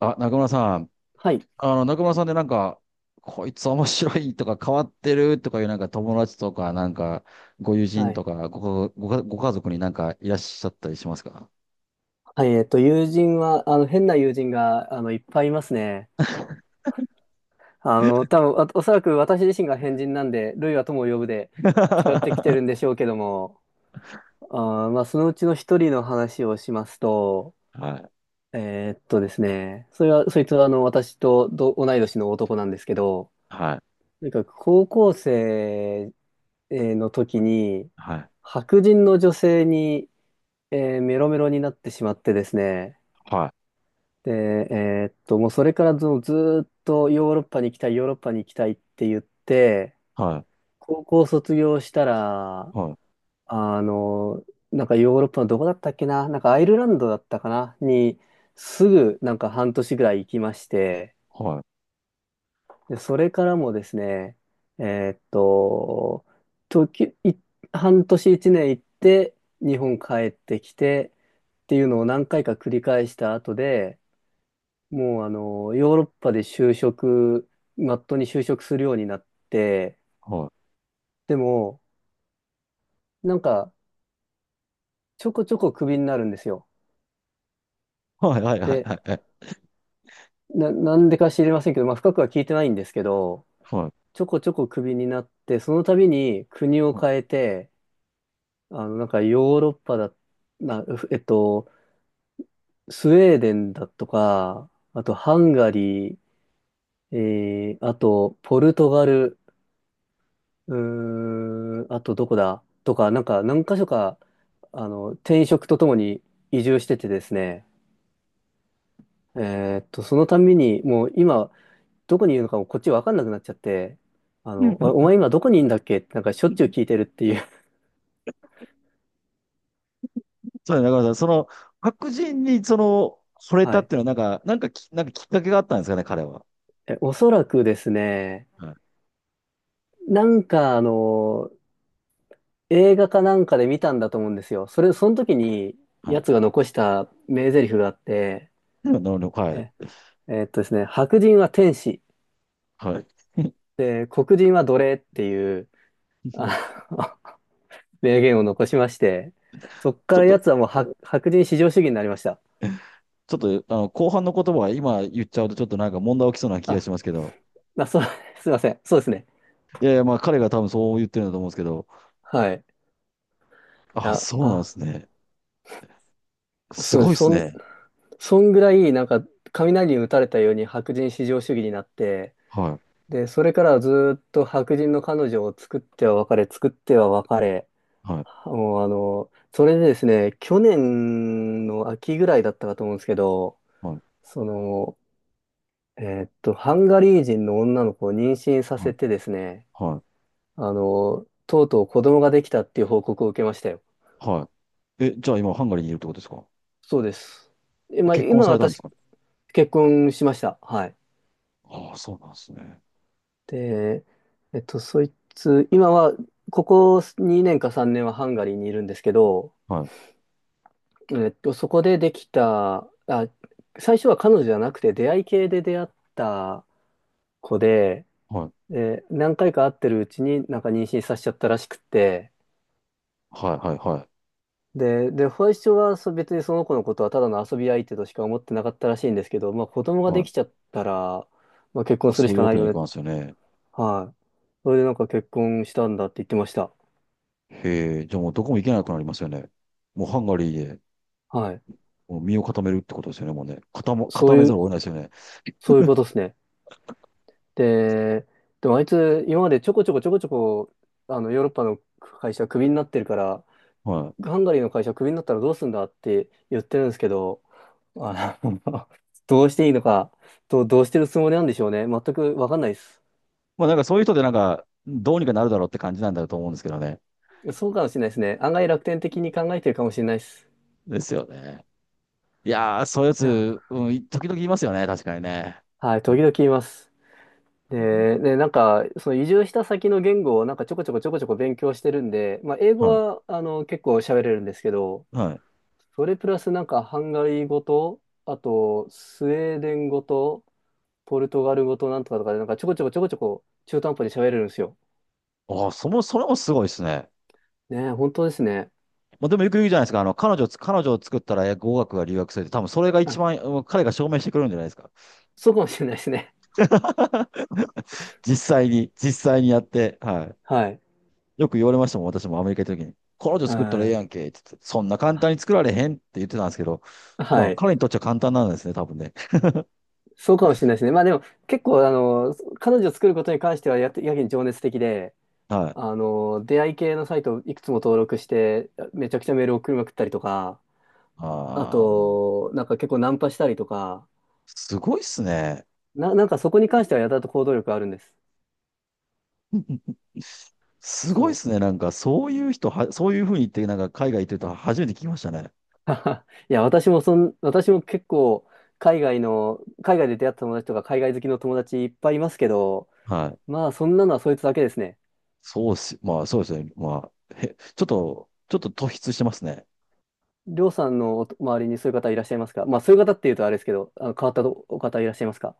あ、中村さん。はい。中村さんでなんか、こいつ面白いとか変わってるとかいうなんか友達とか、なんか、ご友は人い。とか、ご家族になんかいらっしゃったりしますか？ はい。友人は、変な友人が、いっぱいいますね。多分、そらく私自身が変人なんで、ルイは友を呼ぶで、違ってきてはるんでしょうけども、まあ、そのうちの一人の話をしますと、いですね、それは、そいつは、私と同い年の男なんですけど、はい、なんか、高校生の時に、はい、白人の女性に、メロメロになってしまってですね、はい、で、もうそれからずずーっとヨーロッパに行きたい、ヨーロッパに行きたいって言って、はい、高校卒業したら、はい、あの、なんかヨーロッパのどこだったっけな、なんかアイルランドだったかな、にすぐなんか半年ぐらい行きまして、はい、で、それからもですね、えーっと、時、い、半年一年行って、日本帰ってきてっていうのを何回か繰り返した後で、もうヨーロッパで就職、まっとうに就職するようになって、はい、でも、なんか、ちょこちょこクビになるんですよ。はい、はい、はい、はで、い、はい。なんでか知りませんけど、まあ、深くは聞いてないんですけど、はい、ちょこちょこクビになって、その度に国をは変い えて、なんかヨーロッパだ、な、えっと、スウェーデンだとか、あとハンガリー、あとポルトガル、うーん、あとどこだとか、なんか何箇所か、転職とともに移住しててですね、そのたんびに、もう今、どこにいるのかもこっちわかんなくなっちゃって、お 前今どこにいるんだっけってなんかしょっちゅう聞いてるっていう。そうね、中村さん。白人に惚 れはたっい。ていうのはなんか、なんかきっかけがあったんですかね、彼は？え、おそらくですね、はい、なんかあの、映画かなんかで見たんだと思うんですよ。それ、その時に、はい。やつが残した名台詞があって、なるほど、はい、え、ですね、白人は天使。はい。で、黒人は奴隷っていう、あの 名言を残しまして、そっちかょっらと、奴はもう白人至上主義になりました。ちょっと、後半の言葉は今言っちゃうとちょっとなんか問題起きそうな気があ、しますけど。そう、すいません。そうですね。いやいや、まあ彼が多分そう言ってるんだと思うんですけど。はい。あ、あ、そうなんであ、すね。すそうごいです。ですね。そんぐらい、なんか、雷に打たれたように白人至上主義になって、はい、で、それからはずーっと白人の彼女を作っては別れ、作っては別れ、はい、もうそれでですね、去年の秋ぐらいだったかと思うんですけど、はい、その、ハンガリー人の女の子を妊娠さはせい、てですね、はい。とうとう子供ができたっていう報告を受けましたよ。はい。じゃあ今ハンガリーにいるってことですか？そうです。え、まあ、結婚今されたんで私すか？結婚しました。はい。ああ、そうなんですね。で、そいつ、今は、ここ2年か3年はハンガリーにいるんですけど、はい、そこでできた、あ、最初は彼女じゃなくて出会い系で出会った子で、はい、え、何回か会ってるうちになんか妊娠させちゃったらしくって、はい、はい、はい。で、最初は別にその子のことはただの遊び相手としか思ってなかったらしいんですけど、まあ子供がはでいきちゃったら、まあ結ま婚あ、するそしういうかわなけいにはいよね。かんですよね。はい。それでなんか結婚したんだって言ってました。へえ、じゃあもうどこも行けなくなりますよね。もうハンガリーではい。もう身を固めるってことですよね、もうね。そう固めいざう、るを得ないですよね。そういうことですね。で、でもあいつ今までちょこちょこちょこちょこ、あのヨーロッパの会社クビになってるから、はい。ハンガリーの会社クビになったらどうすんだって言ってるんですけど、あの どうしていいのか、どうしてるつもりなんでしょうね。全くわかんないです。もうなんかそういう人でなんか、どうにかなるだろうって感じなんだと思うんですけどね。そうかもしれないですね。案外楽天的に考えてるかもしれないです。ですよね。いやー、そういうやいや、つ、うん、時々いますよね、確かにね。はい、う時ん々言います。で、ね、なんか、その移住した先の言語をなんかちょこちょこちょこちょこ勉強してるんで、まあ、英語はは、結構喋れるんですけど、い。はい。それプラスなんかハンガリー語と、あと、スウェーデン語と、ポルトガル語となんとかとかで、なんかちょこちょこちょこちょこ中途半端に喋れるんですよ。ああ、それもすごいですね。ね、本当ですね。まあ、でもよく言うじゃないですか。彼女を作ったら語学が留学するって、多分それが一あ、番、うん彼が証明してくれるんじゃないですか。そうかもしれないですね。実際に、実際にやって、は い。はい。よく言われましたもん、私もアメリカ行った時に。彼女う作ったらええん。やんけ、って言って、そんな簡単に作られへんって言ってたんですけど、まはあ、い。彼にとっちゃ簡単なんですね、多分ね。そうかもしれないですね。まあでも結構あの彼女を作ることに関してはやってやけに情熱的ではい。あの出会い系のサイトをいくつも登録してめちゃくちゃメール送りまくったりとかあああ、もう、となんか結構ナンパしたりとかすごいっすね。なんかそこに関してはやたらと行動力あるんです。すごいそっすね。う。なんか、そういう人は、そういうふうに言って、なんか、海外行ってると初めて聞きましたね。いや私も私も結構海外で出会った友達とか海外好きの友達いっぱいいますけどはい。まあそんなのはそいつだけですね。そうっす。まあ、そうですね。まあ、ちょっと、ちょっと突出してますね。りょうさんのお周りにそういう方いらっしゃいますか？まあ、そういう方っていうとあれですけど、あの変わったお方いらっしゃいますか？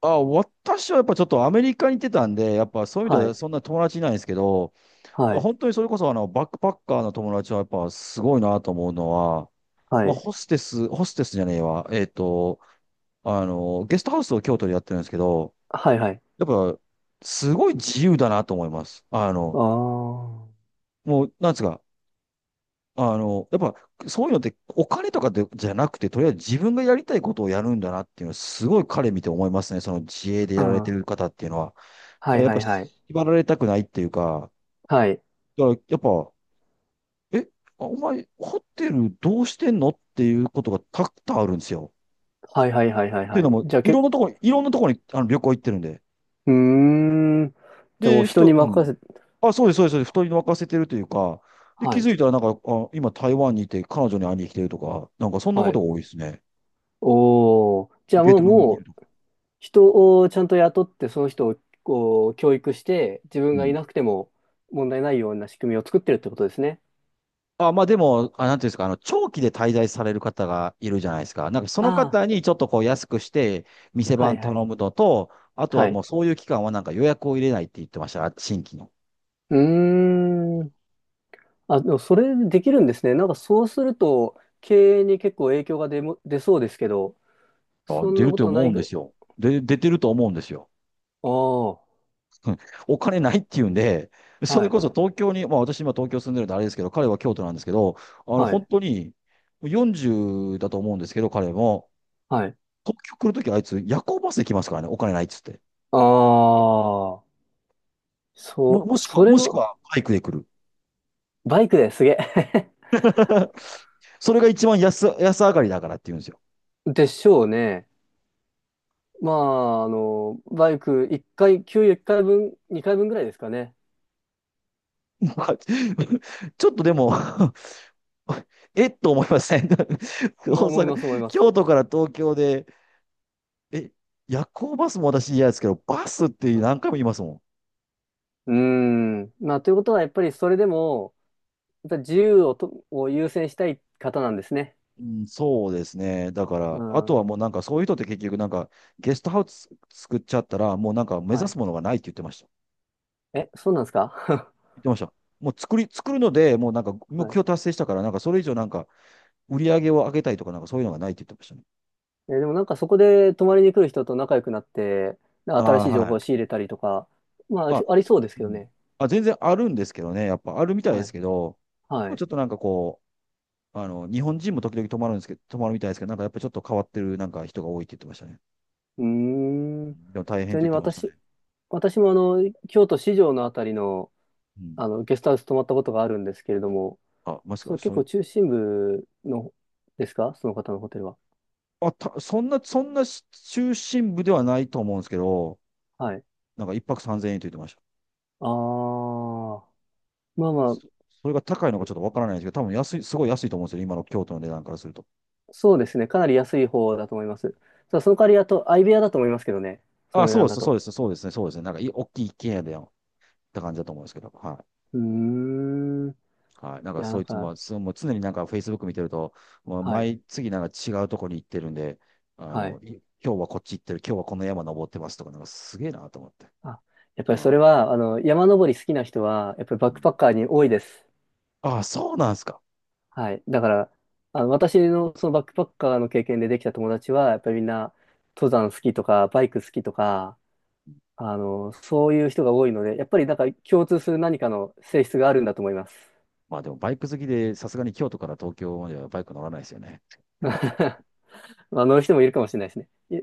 あ、私はやっぱちょっとアメリカに行ってたんで、やっぱそういう意味でははい。そんな友達いないんですけど、はい。本当にそれこそあのバックパッカーの友達はやっぱすごいなと思うのは、はまあい。ホステス、ホステスじゃねえわ、ゲストハウスを京都でやってるんですけど、はい、はい。やっぱ、すごい自由だなと思います。ああ。もう、なんですか、やっぱ、そういうのって、お金とかで、じゃなくて、とりあえず自分がやりたいことをやるんだなっていうのは、すごい彼見て思いますね。その自営でうやん。られてはる方っていうのは。い、だかはらい、やっぱ、はい。縛られたくないっていうか、はい。だからやっぱ、え、あお前、ホテルどうしてんのっていうことがたくさんあるんですよ。はい、はい、はい、はい。っていうはのいも、じゃあ、いけ、ろんなところ、いろんなところにあの旅行行ってるんで。うーん。じゃあもうで、ふ人と、にう任ん。せ、あ、そうです、そうです、そうです。太りに沸かせてるというか、で、は気い。づいたらなんか、あ、今台湾にいて彼女に会いに来てるとか、なんかそんなはことい。が多いですね。おお。じゃあベもう、トナムにいもるう、とか。人をちゃんと雇って、その人をこう、教育して、自分うがいん。なくても問題ないような仕組みを作ってるってことですね。あ、まあでも、あ、なんていうんですか、あの、長期で滞在される方がいるじゃないですか。なんかそあの方あ。にちょっとこう安くして、店はい、番は頼い。むのと、あとははもい。うそういう期間はなんか予約を入れないって言ってました、新規の。うーん。あ、でもそれできるんですね。なんかそうすると、経営に結構影響が出そうですけど、あ、そん出なることとな思ういんでぐ、すよ。で、出てると思うんですよ。ああ、うん。お金ないっていうんで、そはれい、こそ東京に、まあ私今東京住んでるんであれですけど、彼は京都なんですけど、は本い、当に40だと思うんですけど、彼も、はい。東京来るときあいつ夜行バスで来ますからね、お金ないっつって。ああ、そう、そもれしくを、はバイクで来る。バイクですげえ。それが一番安上がりだからって言うんですよ。でしょうね。まあ、あの、バイク一回、給油1回分、2回分ぐらいですかね。ちょっとでも えっと思いません 大まあ、思います、思い阪、ます。京都から東京で、え、夜行バスも私嫌ですけど、バスってあ何回も言いますもん。うーん。まあ、ということは、やっぱりそれでも、やっぱり自由をを優先したい方なんですね。うん、そうですね。だかうら、あとはん。もうなんかそういう人って結局なんかゲストハウス作っちゃったらもうなんか目は指い。すものがないって言ってました。え、そうなんですか？ 言ってました。もう作るのでもうなんか目はい。標達成したからなんかそれ以上なんか売り上げを上げたいとかなんかそういうのがないって言ってましたね。えー、でもなんかそこで泊まりに来る人と仲良くなって、なあんか新しあ、い情は報を仕い。入れたりとか、まあ、ありあ、ありそうですうけどん。ね。あ、全然あるんですけどね。やっぱあるみたいではすい。けど、ではもちい。ょっとなんか日本人も時々泊まるんですけど、泊まるみたいですけど、なんかやっぱちょっと変わってるなんか人が多いって言ってましたね。うーん。うん。でも大ち変っなてみ言っにてました私、ね。私もあの、京都市場のあたりの、うん。あの、ゲストハウス泊まったことがあるんですけれども、あ、もしそか、う、結そ構う、中心部の、ですかその方のホテルは？あ、た、そんな、そんなし中心部ではないと思うんですけど、はい。なんか一泊三千円と言ってました。あー。まあまあ、そ、それが高いのかちょっとわからないんですけど、多分安い、すごい安いと思うんですよ、今の京都の値段からすると。そうですね。かなり安い方だと思います。ただその代わり、あと、相部屋だと思いますけどね。そあ、の値そう段でだす、そうと。です、そうですね、そうですね。なんか大きい一軒家でよって感じだと思うんですけど、はい。うーん。いはい。なんかや、なそんいつも、か、そうもう常になんか Facebook 見てると、もうはい、毎次なんか違うところに行ってるんで、はい。今日はこっち行ってる、今日はこの山登ってますとか、なんかすげえなと思って。あ、やっぱありそれー、は、あの、山登り好きな人は、やっぱりバうックんパッカーに多いです。あー、そうなんですか？はい。だから、あの、私のそのバックパッカーの経験でできた友達は、やっぱりみんな、登山好きとか、バイク好きとか、あの、そういう人が多いので、やっぱりなんか共通する何かの性質があるんだと思います。まあでもバイク好きで、さすがに京都から東京まではバイク乗らないですよね。まあ乗る人もいるかもしれないですね。い